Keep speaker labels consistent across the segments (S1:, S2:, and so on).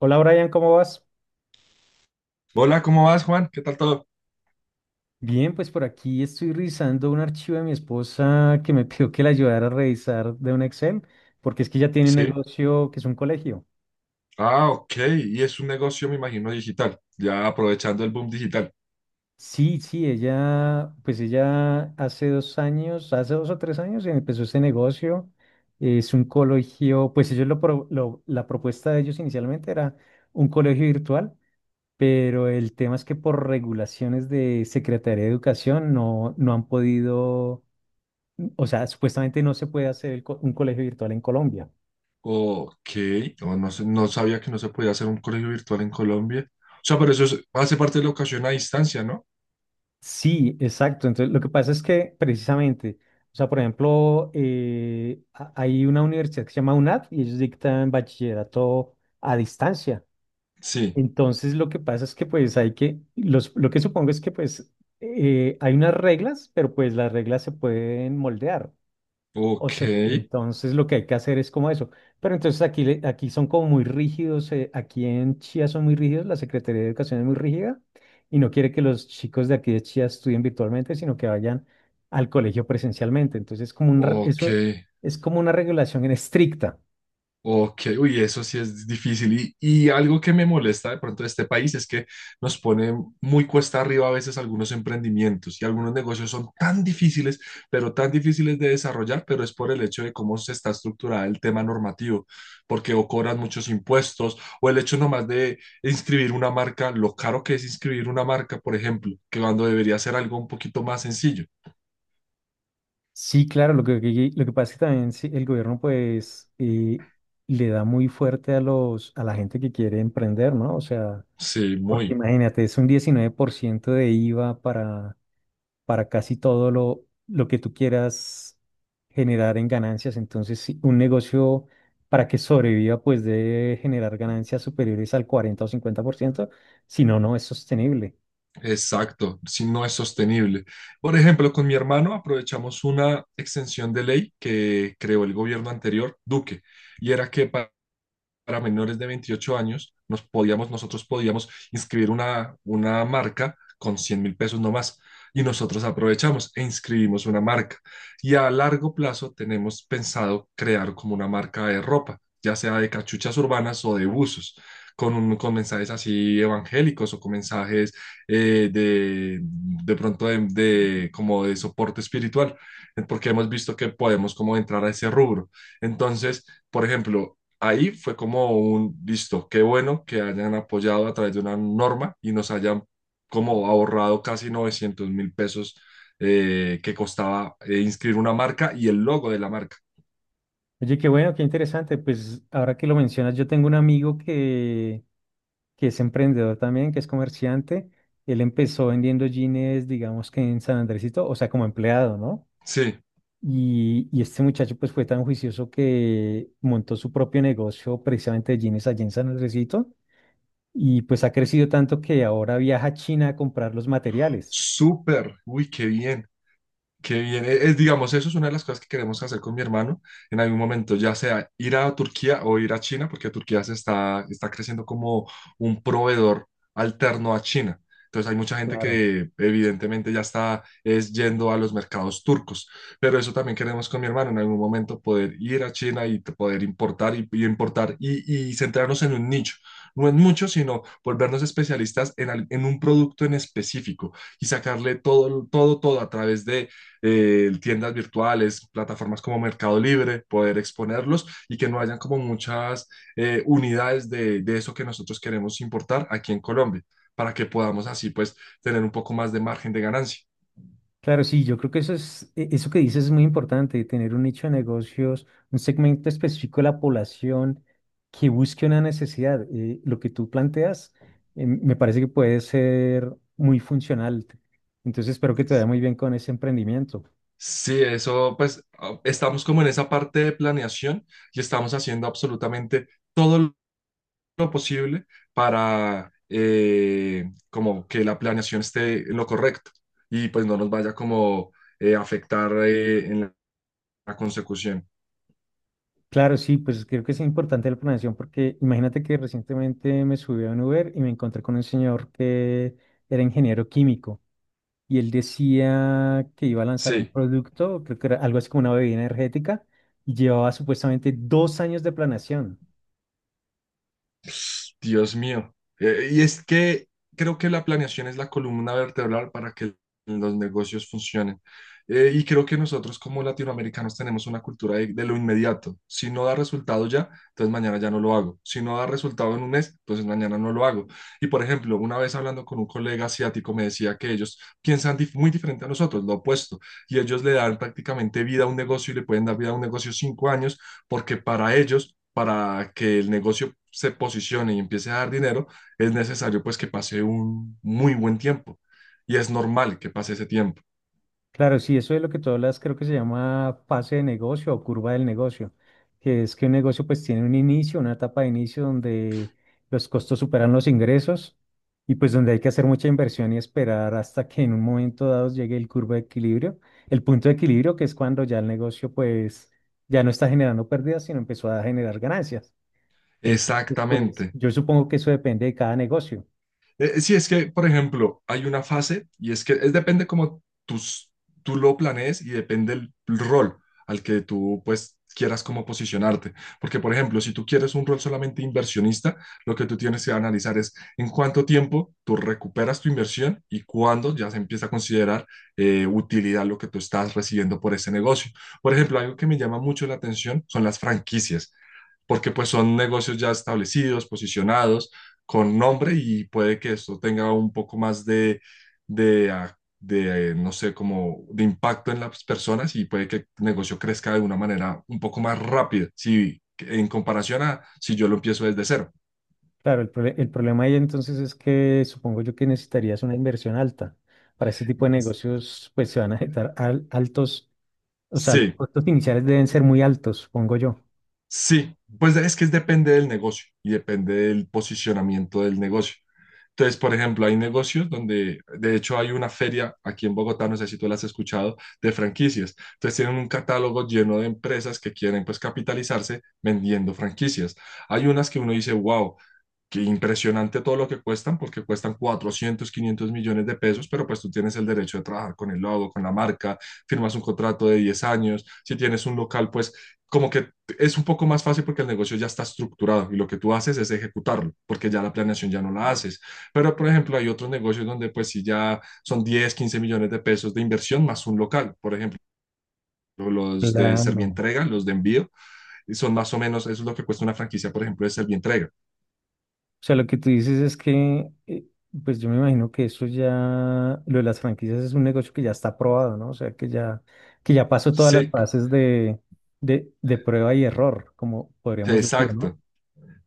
S1: Hola Brian, ¿cómo vas?
S2: Hola, ¿cómo vas, Juan? ¿Qué tal todo?
S1: Bien, pues por aquí estoy revisando un archivo de mi esposa que me pidió que la ayudara a revisar de un Excel, porque es que ella tiene un
S2: Sí.
S1: negocio que es un colegio.
S2: Ah, ok. Y es un negocio, me imagino, digital, ya aprovechando el boom digital.
S1: Sí, sí, ella, hace 2 años, hace 2 o 3 años empezó este negocio. Es un colegio, pues ellos lo, pro- lo- la propuesta de ellos inicialmente era un colegio virtual, pero el tema es que por regulaciones de Secretaría de Educación no han podido. O sea, supuestamente no se puede hacer un colegio virtual en Colombia.
S2: Ok. No, no, no sabía que no se podía hacer un colegio virtual en Colombia. O sea, pero hace parte de la educación a distancia, ¿no?
S1: Sí, exacto. Entonces, lo que pasa es que precisamente, o sea, por ejemplo, hay una universidad que se llama UNAD y ellos dictan bachillerato a distancia.
S2: Sí.
S1: Entonces, lo que pasa es que pues lo que supongo es que pues hay unas reglas, pero pues las reglas se pueden moldear.
S2: Ok.
S1: Entonces lo que hay que hacer es como eso. Pero entonces aquí son como muy rígidos, aquí en Chía son muy rígidos, la Secretaría de Educación es muy rígida y no quiere que los chicos de aquí de Chía estudien virtualmente, sino que vayan al colegio presencialmente. Entonces es como un re- es,
S2: Ok.
S1: una- es como una regulación en estricta.
S2: Ok, uy, eso sí es difícil. Y algo que me molesta de pronto de este país es que nos pone muy cuesta arriba a veces algunos emprendimientos y algunos negocios son tan difíciles, pero tan difíciles de desarrollar, pero es por el hecho de cómo se está estructurado el tema normativo, porque o cobran muchos impuestos o el hecho nomás de inscribir una marca, lo caro que es inscribir una marca, por ejemplo, que cuando debería ser algo un poquito más sencillo.
S1: Sí, claro, lo que pasa es que también sí, el gobierno pues le da muy fuerte a a la gente que quiere emprender, ¿no? O sea,
S2: Sí,
S1: porque
S2: muy.
S1: imagínate, es un 19% de IVA para casi todo lo que tú quieras generar en ganancias. Entonces, sí, un negocio para que sobreviva, pues debe generar ganancias superiores al 40 o 50%, si no, no es sostenible.
S2: Exacto, si no es sostenible. Por ejemplo, con mi hermano aprovechamos una extensión de ley que creó el gobierno anterior, Duque, y era que para menores de 28 años, nosotros podíamos inscribir una marca con 100.000 pesos no más. Y nosotros aprovechamos e inscribimos una marca. Y a largo plazo tenemos pensado crear como una marca de ropa, ya sea de cachuchas urbanas o de buzos, con mensajes así evangélicos o con mensajes de pronto como de soporte espiritual, porque hemos visto que podemos como entrar a ese rubro. Entonces, por ejemplo, ahí fue como un listo, qué bueno que hayan apoyado a través de una norma y nos hayan como ahorrado casi 900 mil pesos que costaba inscribir una marca y el logo de la marca.
S1: Oye, qué bueno, qué interesante. Pues ahora que lo mencionas, yo tengo un amigo que es emprendedor también, que es comerciante. Él empezó vendiendo jeans, digamos que en San Andresito, o sea, como empleado, ¿no?
S2: Sí,
S1: Y este muchacho pues fue tan juicioso que montó su propio negocio precisamente de jeans allá en San Andresito y pues ha crecido tanto que ahora viaja a China a comprar los materiales.
S2: súper, uy, qué bien. Qué bien, es, digamos, eso es una de las cosas que queremos hacer con mi hermano en algún momento, ya sea ir a Turquía o ir a China, porque Turquía está creciendo como un proveedor alterno a China. Entonces hay mucha gente
S1: Claro.
S2: que evidentemente ya está es yendo a los mercados turcos, pero eso también queremos con mi hermano en algún momento poder ir a China y poder importar y importar y centrarnos en un nicho. No en mucho, sino volvernos especialistas en un producto en específico y sacarle todo, todo, todo a través de tiendas virtuales, plataformas como Mercado Libre, poder exponerlos y que no hayan como muchas unidades de eso que nosotros queremos importar aquí en Colombia, para que podamos así pues tener un poco más de margen de ganancia.
S1: Claro, sí, yo creo que eso que dices es muy importante, tener un nicho de negocios, un segmento específico de la población que busque una necesidad. Lo que tú planteas, me parece que puede ser muy funcional. Entonces espero que te vaya muy bien con ese emprendimiento.
S2: Sí, eso pues estamos como en esa parte de planeación y estamos haciendo absolutamente todo lo posible para como que la planeación esté en lo correcto y pues no nos vaya como afectar en la consecución.
S1: Claro, sí, pues creo que es importante la planeación porque imagínate que recientemente me subí a un Uber y me encontré con un señor que era ingeniero químico y él decía que iba a lanzar un
S2: Sí,
S1: producto, creo que era algo así como una bebida energética, y llevaba supuestamente 2 años de planeación.
S2: Dios mío. Y es que creo que la planeación es la columna vertebral para que los negocios funcionen. Y creo que nosotros como latinoamericanos tenemos una cultura de lo inmediato. Si no da resultado ya, entonces mañana ya no lo hago. Si no da resultado en un mes, entonces mañana no lo hago. Y por ejemplo, una vez hablando con un colega asiático me decía que ellos piensan muy diferente a nosotros, lo opuesto. Y ellos le dan prácticamente vida a un negocio y le pueden dar vida a un negocio 5 años porque para ellos, para que el negocio se posicione y empiece a dar dinero, es necesario pues que pase un muy buen tiempo y es normal que pase ese tiempo.
S1: Claro, sí, eso es lo que tú hablas, creo que se llama fase de negocio o curva del negocio, que es que un negocio pues tiene un inicio, una etapa de inicio donde los costos superan los ingresos y pues donde hay que hacer mucha inversión y esperar hasta que en un momento dado llegue el curva de equilibrio, el punto de equilibrio que es cuando ya el negocio pues ya no está generando pérdidas, sino empezó a generar ganancias. Entonces, pues
S2: Exactamente.
S1: yo supongo que eso depende de cada negocio.
S2: Sí, es que, por ejemplo, hay una fase y es que es, depende como tú lo planees y depende el rol al que tú pues quieras como posicionarte. Porque, por ejemplo, si tú quieres un rol solamente inversionista, lo que tú tienes que analizar es en cuánto tiempo tú recuperas tu inversión y cuándo ya se empieza a considerar utilidad lo que tú estás recibiendo por ese negocio. Por ejemplo, algo que me llama mucho la atención son las franquicias porque pues son negocios ya establecidos, posicionados, con nombre y puede que esto tenga un poco más de, no sé, como de impacto en las personas y puede que el negocio crezca de una manera un poco más rápida, si, en comparación a si yo lo empiezo desde cero.
S1: Claro, el problema ahí entonces es que supongo yo que necesitarías una inversión alta. Para ese tipo de negocios, pues se van a altos, o sea, los
S2: Sí,
S1: costos iniciales deben ser muy altos, supongo yo.
S2: sí, pues es que depende del negocio y depende del posicionamiento del negocio. Entonces, por ejemplo, hay negocios donde, de hecho, hay una feria aquí en Bogotá, no sé si tú la has escuchado, de franquicias. Entonces, tienen un catálogo lleno de empresas que quieren, pues, capitalizarse vendiendo franquicias. Hay unas que uno dice, wow, que impresionante todo lo que cuestan, porque cuestan 400 500 millones de pesos, pero pues tú tienes el derecho de trabajar con el logo, con la marca, firmas un contrato de 10 años, si tienes un local, pues como que es un poco más fácil porque el negocio ya está estructurado y lo que tú haces es ejecutarlo, porque ya la planeación ya no la haces. Pero, por ejemplo, hay otros negocios donde pues si ya son 10 15 millones de pesos de inversión más un local, por ejemplo, los de
S1: Claro.
S2: Servientrega, los de envío, son más o menos, eso es lo que cuesta una franquicia, por ejemplo, de Servientrega.
S1: O sea, lo que tú dices es que, pues yo me imagino que eso ya, lo de las franquicias es un negocio que ya está aprobado, ¿no? O sea, que ya pasó todas las
S2: Sí,
S1: fases de prueba y error, como podríamos decir, ¿no?
S2: exacto,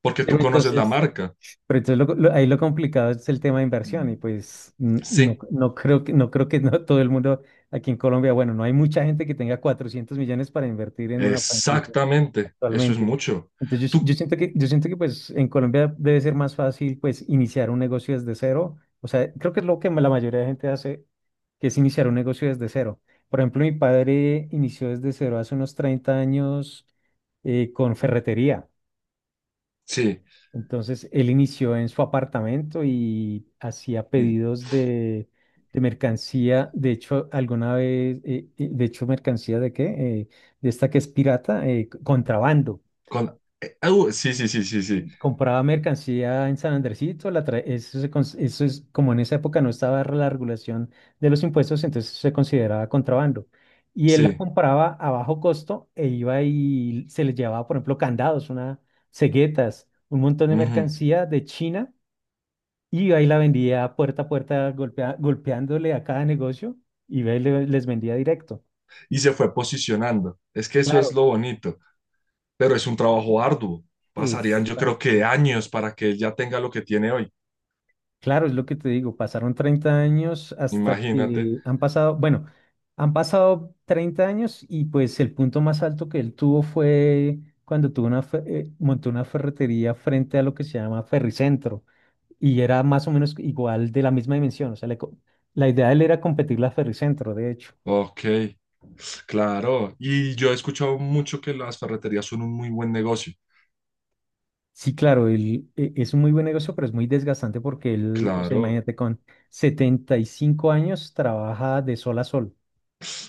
S2: porque tú
S1: Pero
S2: conoces la
S1: entonces,
S2: marca.
S1: pero entonces ahí lo complicado es el tema de inversión y
S2: Mm.
S1: pues no,
S2: Sí,
S1: no creo que no todo el mundo aquí en Colombia, bueno, no hay mucha gente que tenga 400 millones para invertir en una franquicia
S2: exactamente, eso es
S1: actualmente.
S2: mucho.
S1: Entonces
S2: Tú,
S1: yo siento que pues en Colombia debe ser más fácil pues iniciar un negocio desde cero. O sea, creo que es lo que la mayoría de gente hace, que es iniciar un negocio desde cero. Por ejemplo, mi padre inició desde cero hace unos 30 años con ferretería.
S2: sí,
S1: Entonces, él inició en su apartamento y hacía
S2: y
S1: pedidos de mercancía. De hecho, alguna vez, de hecho, ¿mercancía de qué? Eh, de esta que es pirata, contrabando.
S2: con, au, sí, sí, sí, sí, sí,
S1: Compraba mercancía en San Andresito, la tra- eso, se cons- eso es como en esa época no estaba la regulación de los impuestos, entonces se consideraba contrabando. Y él la
S2: sí,
S1: compraba a bajo costo e iba y se le llevaba, por ejemplo, candados, una, ceguetas, un montón de
S2: ujú.
S1: mercancía de China y ahí la vendía puerta a puerta, golpeándole a cada negocio y les vendía directo.
S2: Y se fue posicionando. Es que eso es
S1: Claro,
S2: lo bonito, pero es un trabajo arduo. Pasarían, yo creo que
S1: exacto.
S2: años para que ya tenga lo que tiene hoy.
S1: Claro, es lo que te digo, pasaron 30 años hasta
S2: Imagínate.
S1: que han pasado, bueno, han pasado 30 años y pues el punto más alto que él tuvo fue cuando montó una ferretería frente a lo que se llama Ferricentro y era más o menos igual de la misma dimensión, o sea, la idea de él era competir la Ferricentro, de hecho.
S2: Ok, claro. Y yo he escuchado mucho que las ferreterías son un muy buen negocio.
S1: Sí, claro, es un muy buen negocio, pero es muy desgastante porque él, o sea,
S2: Claro.
S1: imagínate, con 75 años trabaja de sol a sol.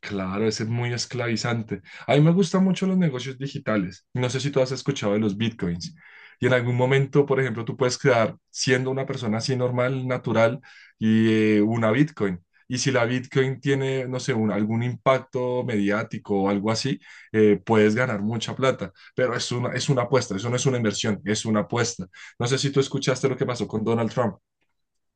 S2: Claro, ese es muy esclavizante. A mí me gustan mucho los negocios digitales. No sé si tú has escuchado de los bitcoins. Y en algún momento, por ejemplo, tú puedes crear, siendo una persona así normal, natural, y una bitcoin. Y si la bitcoin tiene, no sé, algún impacto mediático o algo así, puedes ganar mucha plata. Pero es una apuesta, eso no es una inversión, es una apuesta. No sé si tú escuchaste lo que pasó con Donald Trump.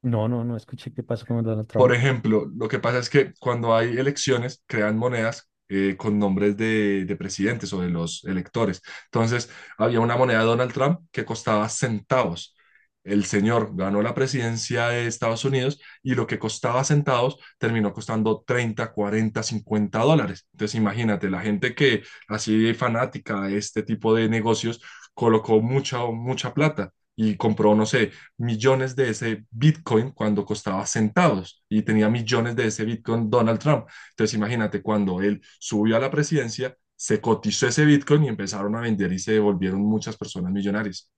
S1: No, no, no escuché qué pasó con Donald
S2: Por
S1: Trump.
S2: ejemplo, lo que pasa es que cuando hay elecciones, crean monedas con nombres de presidentes o de los electores. Entonces, había una moneda de Donald Trump que costaba centavos. El señor ganó la presidencia de Estados Unidos y lo que costaba centavos terminó costando 30, 40, $50. Entonces, imagínate, la gente que así fanática de este tipo de negocios colocó mucha, mucha plata y compró, no sé, millones de ese Bitcoin cuando costaba centavos y tenía millones de ese Bitcoin Donald Trump. Entonces imagínate, cuando él subió a la presidencia, se cotizó ese Bitcoin y empezaron a vender y se volvieron muchas personas millonarias.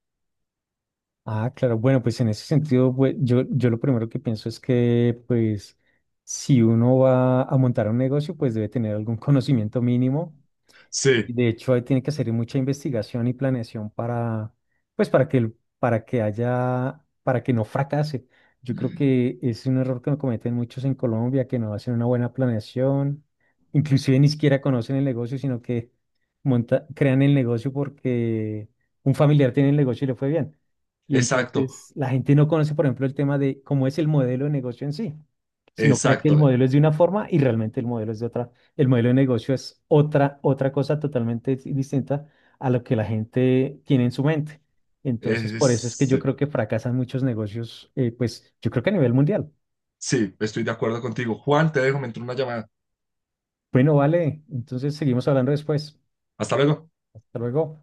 S1: Ah, claro, bueno, pues en ese sentido, pues, yo lo primero que pienso es que, pues, si uno va a montar un negocio, pues debe tener algún conocimiento mínimo.
S2: Sí,
S1: De hecho, ahí tiene que hacer mucha investigación y planeación para, pues, para que haya, para que no fracase. Yo creo que es un error que no cometen muchos en Colombia, que no hacen una buena planeación, inclusive ni siquiera conocen el negocio, sino que monta, crean el negocio porque un familiar tiene el negocio y le fue bien. Y
S2: exacto,
S1: entonces la gente no conoce, por ejemplo, el tema de cómo es el modelo de negocio en sí, sino cree que el
S2: exacto.
S1: modelo es de una forma y realmente el modelo es de otra. El modelo de negocio es otra, otra cosa totalmente distinta a lo que la gente tiene en su mente. Entonces,
S2: Es-
S1: por eso es que yo
S2: sí,
S1: creo que fracasan muchos negocios, pues yo creo que a nivel mundial.
S2: sí, estoy de acuerdo contigo. Juan, te dejo, me entró una llamada.
S1: Bueno, vale, entonces seguimos hablando después.
S2: Hasta luego.
S1: Hasta luego.